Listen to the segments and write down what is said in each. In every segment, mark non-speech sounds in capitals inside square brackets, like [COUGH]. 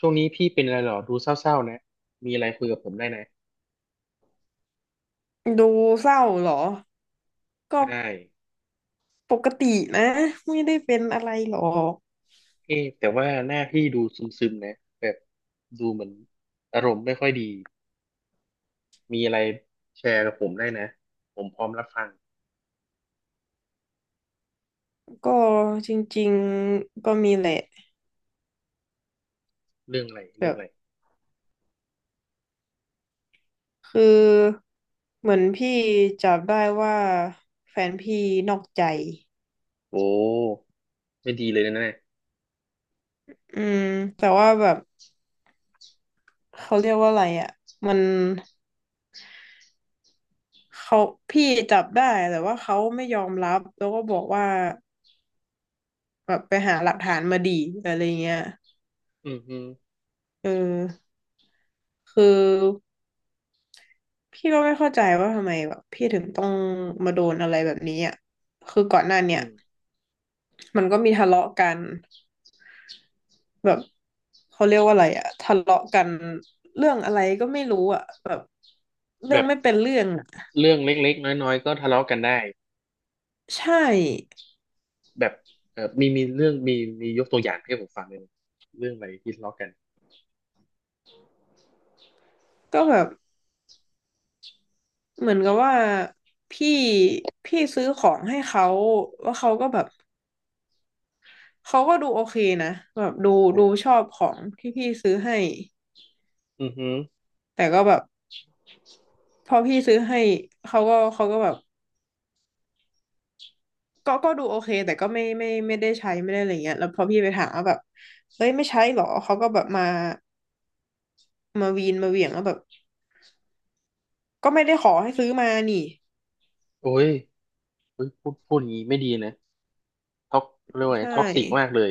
ช่วงนี้พี่เป็นอะไรเหรอดูเศร้าๆนะมีอะไรคุยกับผมได้นะดูเศร้าเหรอ ก็ใช่ปกตินะ ไม่ได้เป็นอะไรหรอก เอ๊ะแต่ว่าหน้าพี่ดูซึมๆนะแบบดูเหมือนอารมณ์ไม่ค่อยดีมีอะไรแชร์กับผมได้นะผมพร้อมรับฟังก็จริงๆก็มีแหละเรื่องอะไรแบเรื่องบอะไรคือเหมือนพี่จับได้ว่าแฟนพี่นอกใจโอ้ไม่ดีเลยนะเนี่ยอืมแต่ว่าแบบเขาเรียกว่าอะไรอ่ะ มันเขาพี่จับได้แต่ว่าเขาไม่ยอมรับแล้วก็บอกว่าแบบไปหาหลักฐานมาดีอะไรเงี้ยอืมอืมเออคือ พี่ก็ไม่เข้าใจว่าทำไมแบบพี่ถึงต้องมาโดนอะไรแบบนี้อ่ะคือก่อนหน้าเนี่อืยมมันก็มีทะเลาะกันแบบเขาเรียกว่าอะไรอ่ะทะเลาะกันเรื่องอะไรก็ไม่รู้อ่ะแบบเรื่แบองบไม่เป็นเรื่องอ่ะเรื่องเล็กๆน้อยๆก็ทะเลาะกันได้ใช่แบบเออมีเรื่องมียกตัวอย่างให้ผมฟังเลยไหมเรื่องอะไรที่ทะเลาะกันก็แบบเหมือนกับว่าพี่พี่ซื้อของให้เขาว่าเขาก็แบบเขาก็ดูโอเคนะแบบดูชอ่าอบของที่พี่ซื้อให้อือฮึแต่ก็แบบพอพี่ซื้อให้เขาก็แบบ ก็ดูโอเคแต่ก็ไม่ได้ใช้ไม่ได้อะไรเงี้ยแล้วพอพี่ไปถามว่าแบบเฮ้ยไม่ใช้หรอเขาก็แบบมาวีนมาเหวี่ยงว่าแบบก็ไม่ได้ขอให้ซื้อมานี่โอ้ยเฮ้ยพูดอย่างนี้ไม่ดีนะ ท็อกเรียกว่าไงใช่ท็อกซิกมากเลย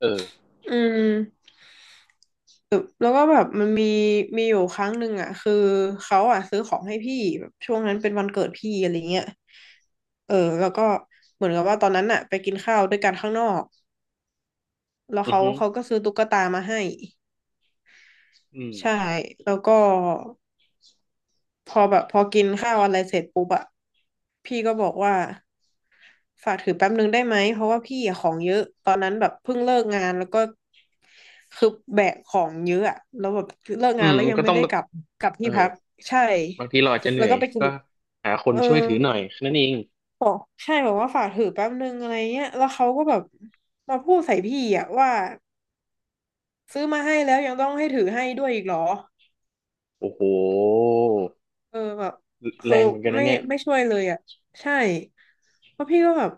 เอออืมแล้วก็แบบมันมีอยู่ครั้งหนึ่งอ่ะคือเขาอ่ะซื้อของให้พี่แบบช่วงนั้นเป็นวันเกิดพี่อะไรเงี้ยเออแล้วก็เหมือนกับว่าตอนนั้นอ่ะไปกินข้าวด้วยกันข้างนอกแล้วอือเขาฮึเขาก็ซื้อตุ๊กตามาให้อืมใช่แล้วก็ พอแบบพอกินข้าวอะไรเสร็จปุ๊บอะพี่ก็บอกว่าฝากถือแป๊บนึงได้ไหมเพราะว่าพี่อะของเยอะตอนนั้นแบบเพิ่งเลิกงานแล้วก็คือแบกของเยอะอะแล้วแบบเลิกอืงานมแล้วมันยังก็ไม่ต้องได้กลับกลับเอที่อพักใช่บางทีเราอาจจะเหแล้นื่วอยก็ไปกินก็หาคนเออช่วยถือหน่อยแค่นั้นเองบอกใช่บอกว่าฝากถือแป๊บนึงอะไรเงี้ยแล้วเขาก็แบบมาพูดใส่พี่อะว่าซื้อมาให้แล้วยังต้องให้ถือให้ด้วยอีกเหรอ โอ้โหเออแบบแรคืองเหมือนกันนะไม่เนี่ยไม่ช่วยเลยอ่ะใช่เพราะพี่ก็แบบ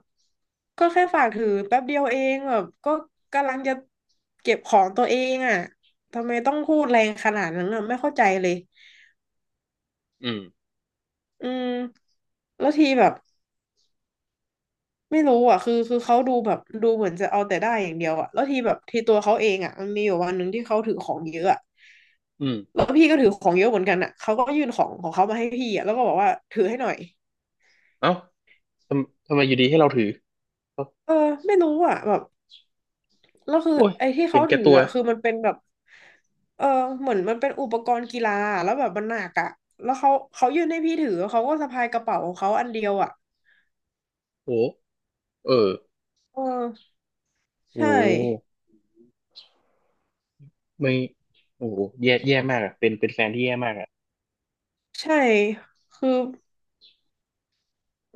ก็แค่ฝากถือแป๊บเดียวเองแบบก็กำลังจะเก็บของตัวเองอ่ะทำไมต้องพูดแรงขนาดนั้นอ่ะไม่เข้าใจเลยอืมอืมแล้วทีแบบไม่รู้อ่ะคือเขาดูแบบดูเหมือนจะเอาแต่ได้อย่างเดียวอ่ะแล้วทีแบบทีตัวเขาเองอ่ะมันมีอยู่วันหนึ่งที่เขาถือของเยอะอะอืมแล้วพี่ก็ถือของเยอะเหมือนกันอ่ะเขาก็ยื่นของของเขามาให้พี่อ่ะแล้วก็บอกว่าถือให้หน่อยเอ้าทำไมอยู่ดีให้เราถือเอ้าเออไม่รู้อ่ะแบบ แล้วคือโอ้ยไอ้ที่เห็เขานแก่ถือตัวอ่ะคือมันเป็นแบบเออเหมือนมันเป็นอุปกรณ์กีฬาอะแล้วแบบมันหนักอ่ะแล้วเขายื่นให้พี่ถือเขาก็สะพายกระเป๋าของเขาอันเดียวอ่ะโอ้โหเออเออโอ้ใช่ไม่โอ้แย่แย่มากอ่ะเป็นแฟนที่แย่มากอ่ะใช่คือ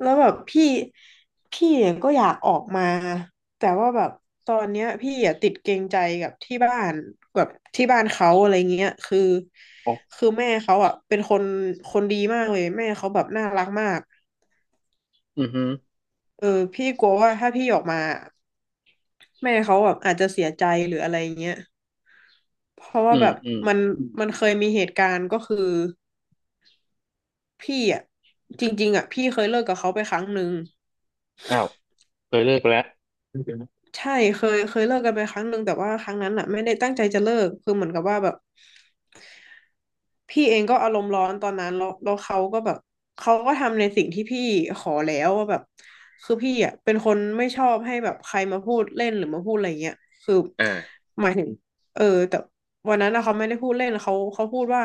แล้วแบบพี่เนี่ยก็อยากออกมา แต่ว่าแบบตอนเนี้ยพี่อ่ะติดเกรงใจกับที่บ้านแบบที่บ้านเขาอะไรเงี้ยคืออ๋อคือแม่เขาอ่ะเป็นคนดีมากเลยแม่เขาแบบน่ารักมากอือฮึเออพี่กลัวว่าถ้าพี่ออกมา แม่เขาแบบอาจจะเสียใจหรืออะไรเงี้ยเพราะอืว่าแบมบอืมมันมันเคยมีเหตุการณ์ก็คือพี่อ่ะจริงๆอ่ะพี่เคยเลิกกับเขาไปครั้งหนึ่งอ้าวเคยเลิกไปแล้วใช่เคยเลิกกันไปครั้งหนึ่งแต่ว่าครั้งนั้นอ่ะไม่ได้ตั้งใจจะเลิกคือเหมือนกับว่าแบบ พี่เองก็อารมณ์ร้อนตอนนั้นแล้วเขาก็แบบเขาก็ทำในสิ่งที่พี่ขอแล้วว่าแบบคือพี่อ่ะเป็นคนไม่ชอบให้แบบใครมาพูดเล่นหรือมาพูดอะไรเงี้ยคืออ่าหมายถึงเออแต่วันนั้นอะเขาไม่ได้พูดเล่นเขาพูดว่า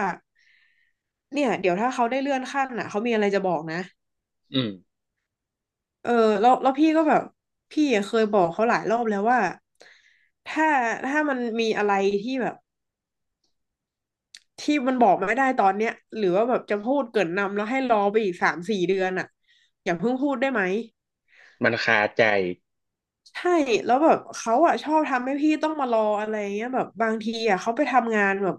เนี่ยเดี๋ยวถ้าเขาได้เลื่อนขั้นอ่ะเขามีอะไรจะบอกนะอืมเออแล้วพี่ก็แบบพี่อะเคยบอกเขาหลายรอบแล้วว่าถ้าถ้ามันมีอะไรที่แบบ ที่มันบอกไม่ได้ตอนเนี้ยหรือว่าแบบจะพูดเกริ่นนำแล้วให้รอไปอีก3-4 เดือนอ่ะอย่าเพิ่งพูดได้ไหมมันคาใจใช่แล้วแบบเขาอ่ะชอบทำให้พี่ต้องมารออะไรเงี้ยแบบบางทีอ่ะเขาไปทำงานแบบ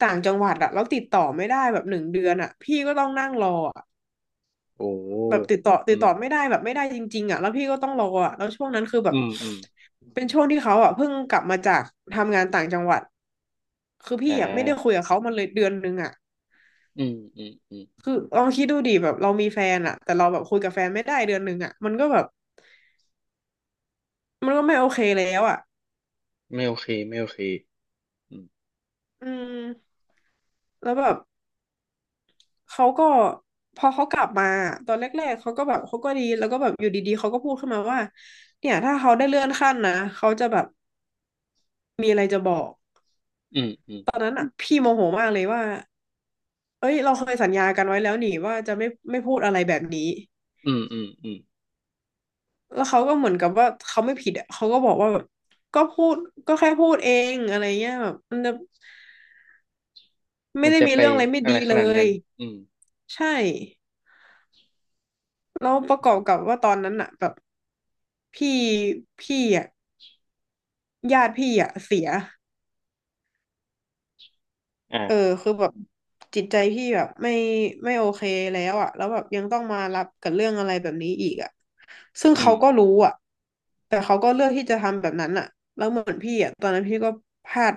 ต่างจังหวัดอ่ะแล้วติดต่อไม่ได้แบบ1 เดือนอ่ะพี่ก็ต้องนั่งรออะโอ้แบบติดต่ออืติดม ต่อไม่ได้แบบไม่ได้จริงๆอ่ะแล้วพี่ก็ต้องรออ่ะแล้วช่วงนั้นคือแบอืบมอืมเป็นช่วงที่เขาอ่ะเพิ่งกลับมาจากทำงานต่างจังหวัดคืออ่พี่อ่ะไม่ได้าคุยกับเขามาเลย1 เดือนอ่ะ อืมอืมอืมคือลองคิดดูดิแบบเรามีแฟนอะแต่เราแบบคุยกับแฟนไม่ได้เดือนหนึ่งอะมันก็แบบมันก็ไม่โอเคแล้วอะไม่โอเคไม่โอเคอืมอืมแล้วแบบเขาก็พอเขากลับมาตอนแรกๆเขาก็แบบเขาก็ดีแล้วก็แบบอยู่ดีๆเขาก็พูดขึ้นมาว่าเนี่ยถ้าเขาได้เลื่อนขั้นนะเขาจะแบบมีอะไรจะบอกอืมอืมตอนนั้นอะพี่โมโหมากเลยว่าเอ้ยเราเคยสัญญากันไว้แล้วนี่ว่าจะไม่พูดอะไรแบบนี้อืมอืมอืมแล้วเขาก็เหมือนกับว่าเขาไม่ผิดอะเขาก็บอกว่าแบบก็พูดก็แค่พูดเองอะไรเงี้ยแบบมันจะ ไม่มันได้จะมีไปเรื่องอะไรไม่อะไรดีขเลนาดยนั้นอืมใช่แล้วประกออืบกับมว่าตอนนั้นอะแบบพี่พี่อะญาติพี่อะเสียเอออ่าคือแบบจิตใจพี่แบบไม่โอเคแล้วอะแล้วแบบยังต้องมารับกับเรื่องอะไรแบบนี้อีกอะซึ่งอืเขามก็รู้อะแต่เขาก็เลือกที่จะทำแบบนั้นอะแล้วเหมือนพี่อะตอนนั้นพี่ก็พลาด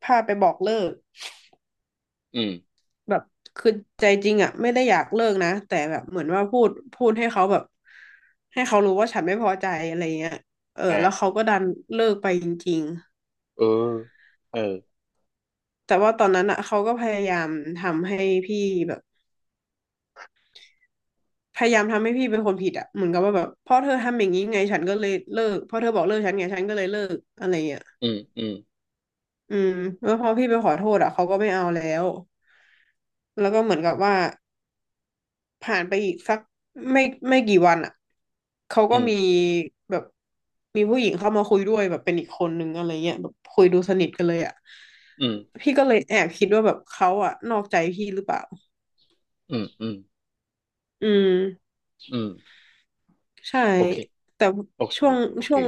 พลาดไปบอกเลิก อืมแบบคือใจจริงอ่ะไม่ได้อยากเลิกนะแต่แบบเหมือนว่าพูดให้เขาแบบให้เขารู้ว่าฉันไม่พอใจอะไรเงี้ยเอออ่าแล้วเขาก็ดันเลิกไปจริงเออเออๆแต่ว่าตอนนั้นอ่ะเขาก็พยายามทำให้พี่แบบพยายามทำให้พี่เป็นคนผิดอ่ะเหมือนกับว่าแบบเพราะเธอทำอย่างนี้ไงฉันก็เลยเลิกเพราะเธอบอกเลิกฉันไงฉันก็เลยเลิกอะไรเงี้ยอืมอืมอืมแล้วพอพี่ไปขอโทษอ่ะเขาก็ไม่เอาแล้วแล้วก็เหมือนกับว่า ผ่านไปอีกสักไม่ไม่กี่วันอ่ะเขาอืก็มมีแบบมีผู้หญิงเข้ามาคุยด้วยแบบเป็นอีกคนนึงอะไรเงี้ยแบบคุยดูสนิทกันเลยอ่ะอืมพี่ก็เลยแอบคิดว่าแบบเขาอ่ะนอกใจพี่หรือเปล่าอืมอืมอืมอืมใช่โอเคแต่โอเคช่วงโอเคช่วง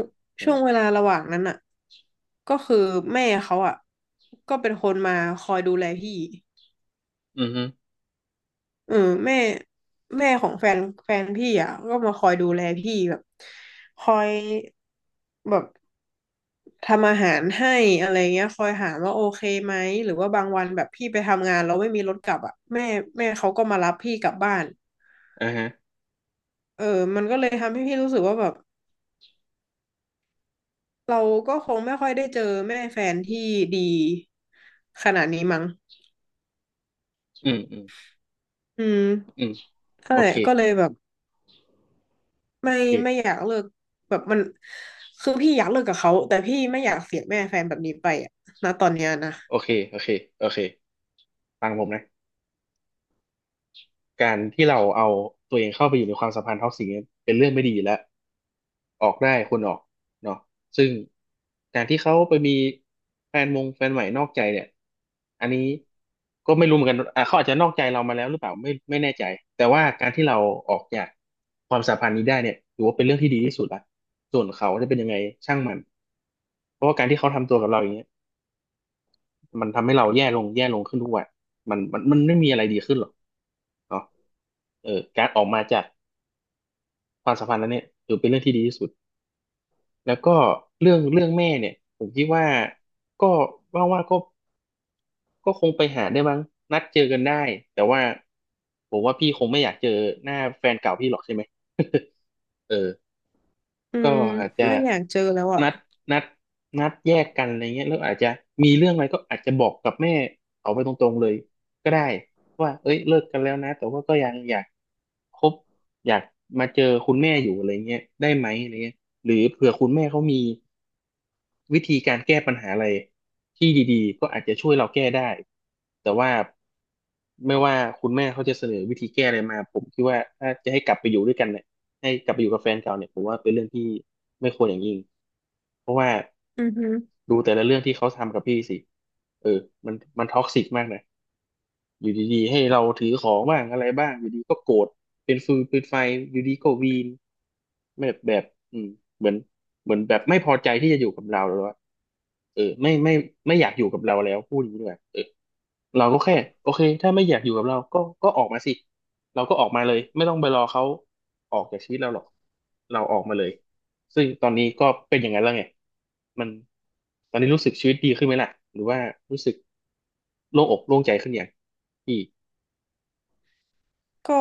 ช่วอ่างเวลาระหว่างนั้นอ่ะก็คือแม่เขาอ่ะก็เป็นคนมาคอยดูแลพี่ อืมฮึเออแม่แม่ของแฟนแฟนพี่อ่ะก็มาคอยดูแลพี่แบบคอยแบบทำอาหารให้อะไรเงี้ยคอยถามว่าโอเคไหมหรือว่าบางวันแบบพี่ไปทำงานแล้วไม่มีรถกลับอ่ะแม่เขาก็มารับพี่กลับบ้านอ่าฮะเออมันก็เลยทำให้พี่รู้สึกว่าแบบเราก็คงไม่ค่อยได้เจอแม่แฟนที่ดีขนาดนี้มั้งอืมอืมอืมอืมก็โอเลยเคก็เลยแบบ โอไม่เคไม่อยากเลิกแบบมันคือพี่อยากเลิกกับเขาแต่พี่ไม่อยากเสียแม่แฟนแบบนี้ไปอะนะตอนเนี้ยนะโอเคโอเคโอเคฟังผมนะ การที่เราเอาตัวเองเข้าไปอยู่ในความสัมพันธ์ท็อกซิกเนี่ยเป็นเรื่องไม่ดีอยู่แล้วออกได้ควรออกเนาะซึ่งการที่เขาไปมีแฟนใหม่นอกใจเนี่ยอันนี้ก็ไม่รู้เหมือนกันอ่ะเขาอาจจะนอกใจเรามาแล้วหรือเปล่าไม่แน่ใจแต่ว่าการที่เราออกจากความสัมพันธ์นี้ได้เนี่ยถือว่าเป็นเรื่องที่ดีที่สุดละส่วนเขาจะเป็นยังไงช่างมันเพราะว่าการที่เขาทำตัวกับเราอย่างเงี้ย มันทำให้เราแย่ลงแย่ลงขึ้นทุกวันมันไม่มีอะไรดีขึ้นหรอกเนาะเออการออกมาจากความสัมพันธ์นั้นเนี่ย ถือเป็นเรื่องที่ดีที่สุด แล้วก็เรื่องเรื่องแม่เนี่ย ผมคิดว่าก็ว่าก็คงไปหาได้บ้างนัดเจอกันได้ แต่ว่าผมว่าพี่คงไม่อยากเจอหน้าแฟนเก่าพี่หรอกใช่ไหม [LAUGHS] เออ อืก็มอาจจะไม่อยากเจอแล้วอ่ะนัดนัดนัดแยกกันอะไรเงี้ยแล้วอาจจะมีเรื่องอะไรก็อาจจะบอกกับแม่เขาไปตรงๆเลยก็ได้ว่าเอ้ยเลิกกันแล้วนะแต่ว่าก็ยังอยากคบอยากมาเจอคุณแม่อยู่อะไรเงี้ยได้ไหมอะไรเงี้ยหรือเผื่อคุณแม่เขามีวิธีการแก้ปัญหาอะไรที่ดีๆก็อาจจะช่วยเราแก้ได้แต่ว่าไม่ว่าคุณแม่เขาจะเสนอวิธีแก้อะไรมาผมคิดว่าถ้าจะให้กลับไปอยู่ด้วยกันเนี่ย ให้กลับไปอยู่กับแฟนเก่าเนี่ยผมว่าเป็นเรื่องที่ไม่ควรอย่างยิ่งเพราะว่าอือฮึดูแต่ละเรื่องที่เขาทำกับพี่สิเออ มันมันท็อกซิกมากนะ อยู่ดีๆให้เราถือของบ้างอะไรบ้างอยู่ดีก็โกรธเป็นฟืนเป็นไฟอยู่ดีก็วีนแบบอืมเหมือนเหมือนแบบไม่พอใจที่จะอยู่กับเราแล้วอะเออไม่อยากอยู่กับเราแล้วพูดอย่างนี้ด้วยเออเราก็แค่โอเคถ้าไม่อยากอยู่กับเราก็ออกมาสิเราก็ออกมาเลยไม่ต้องไปรอเขาออกจากชีวิตเราหรอกเราออกมาเลยซึ่งตอนนี้ก็เป็นอย่างนั้นแล้วไงมันตอนนี้รู้สึกชีวิตดีขึ้นไหมล่ะหรือว่ารู้สึกโล่งอกโล่งใจขึ้นอยัง อีกก็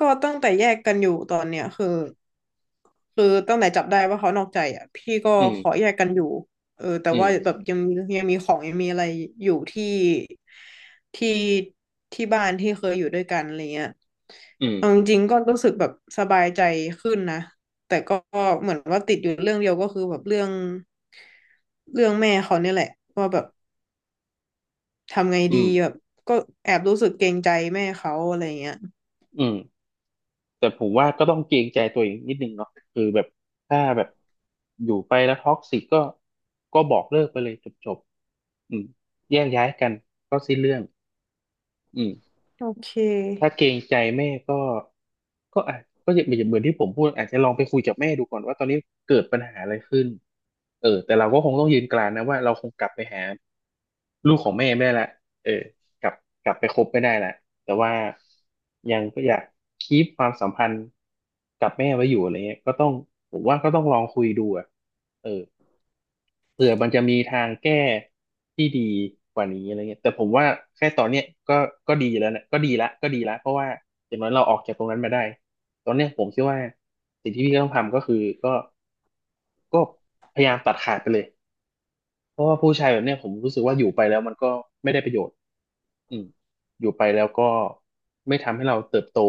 ก็ตั้งแต่แยกกันอยู่ตอนเนี้ยคือคือตั้งแต่จับได้ว่าเขานอกใจอ่ะพี่ก็อืมขอแยกกันอยู่เออแต่อืม ว่าแบบยังมียังมีของยังมีอะไรอยู่ที่ที่ที่บ้านที่เคยอยู่ด้วยกันอะไรเงี้ยอืม เอาจริงๆก็รู้สึกแบบสบายใจขึ้นนะแต่ก็เหมือนว่าติดอยู่เรื่องเดียวก็คือแบบเรื่องแม่เขาเนี่ยแหละว่าแบบทำไงอืดีม แบบก็แอบรู้สึกเกรงใจแม่เขาอะไรเงี้ยอืม แต่ผมว่าก็ต้องเกรงใจตัวเองนิดนึงเนาะคือแบบถ้าแบบอยู่ไปแล้วท็อกซิกก็บอกเลิกไปเลยจบจบอืมแยกย้ายกันก็สิ้นเรื่องอืม โอเคถ้าเกรงใจแม่ก็ก็อาจก็อย่างเหมือนที่ผมพูดอาจจะลองไปคุยกับแม่ดูก่อนว่าตอนนี้เกิดปัญหาอะไรขึ้นเออแต่เราก็คงต้องยืนกรานนะว่าเราคงกลับไปหาลูกของแม่ไม่ได้ละเออกลับกลับไปคบไม่ได้ละแต่ว่ายังก็อยากคีปความสัมพันธ์กับแม่ไว้อยู่อะไรเงี้ยก็ต้องผมว่าก็ต้องลองคุยดูอะเออ เผื่อมันจะมีทางแก้ที่ดีกว่านี้อะไรเงี้ยแต่ผมว่าแค่ตอนเนี้ยก็ก็ดีแล้วนะก็ดีละก็ดีละเพราะว่าอย่างน้อยเราออกจากตรงนั้นมาได้ตอนเนี้ยผมคิดว่าสิ่งที่พี่ต้องทำก็คือก็ก็พยายามตัดขาดไปเลยเพราะว่าผู้ชายแบบเนี้ยผมรู้สึกว่าอยู่ไปแล้วมันก็ไม่ได้ประโยชน์อืมอยู่ไปแล้วก็ไม่ทำให้เราเติบโต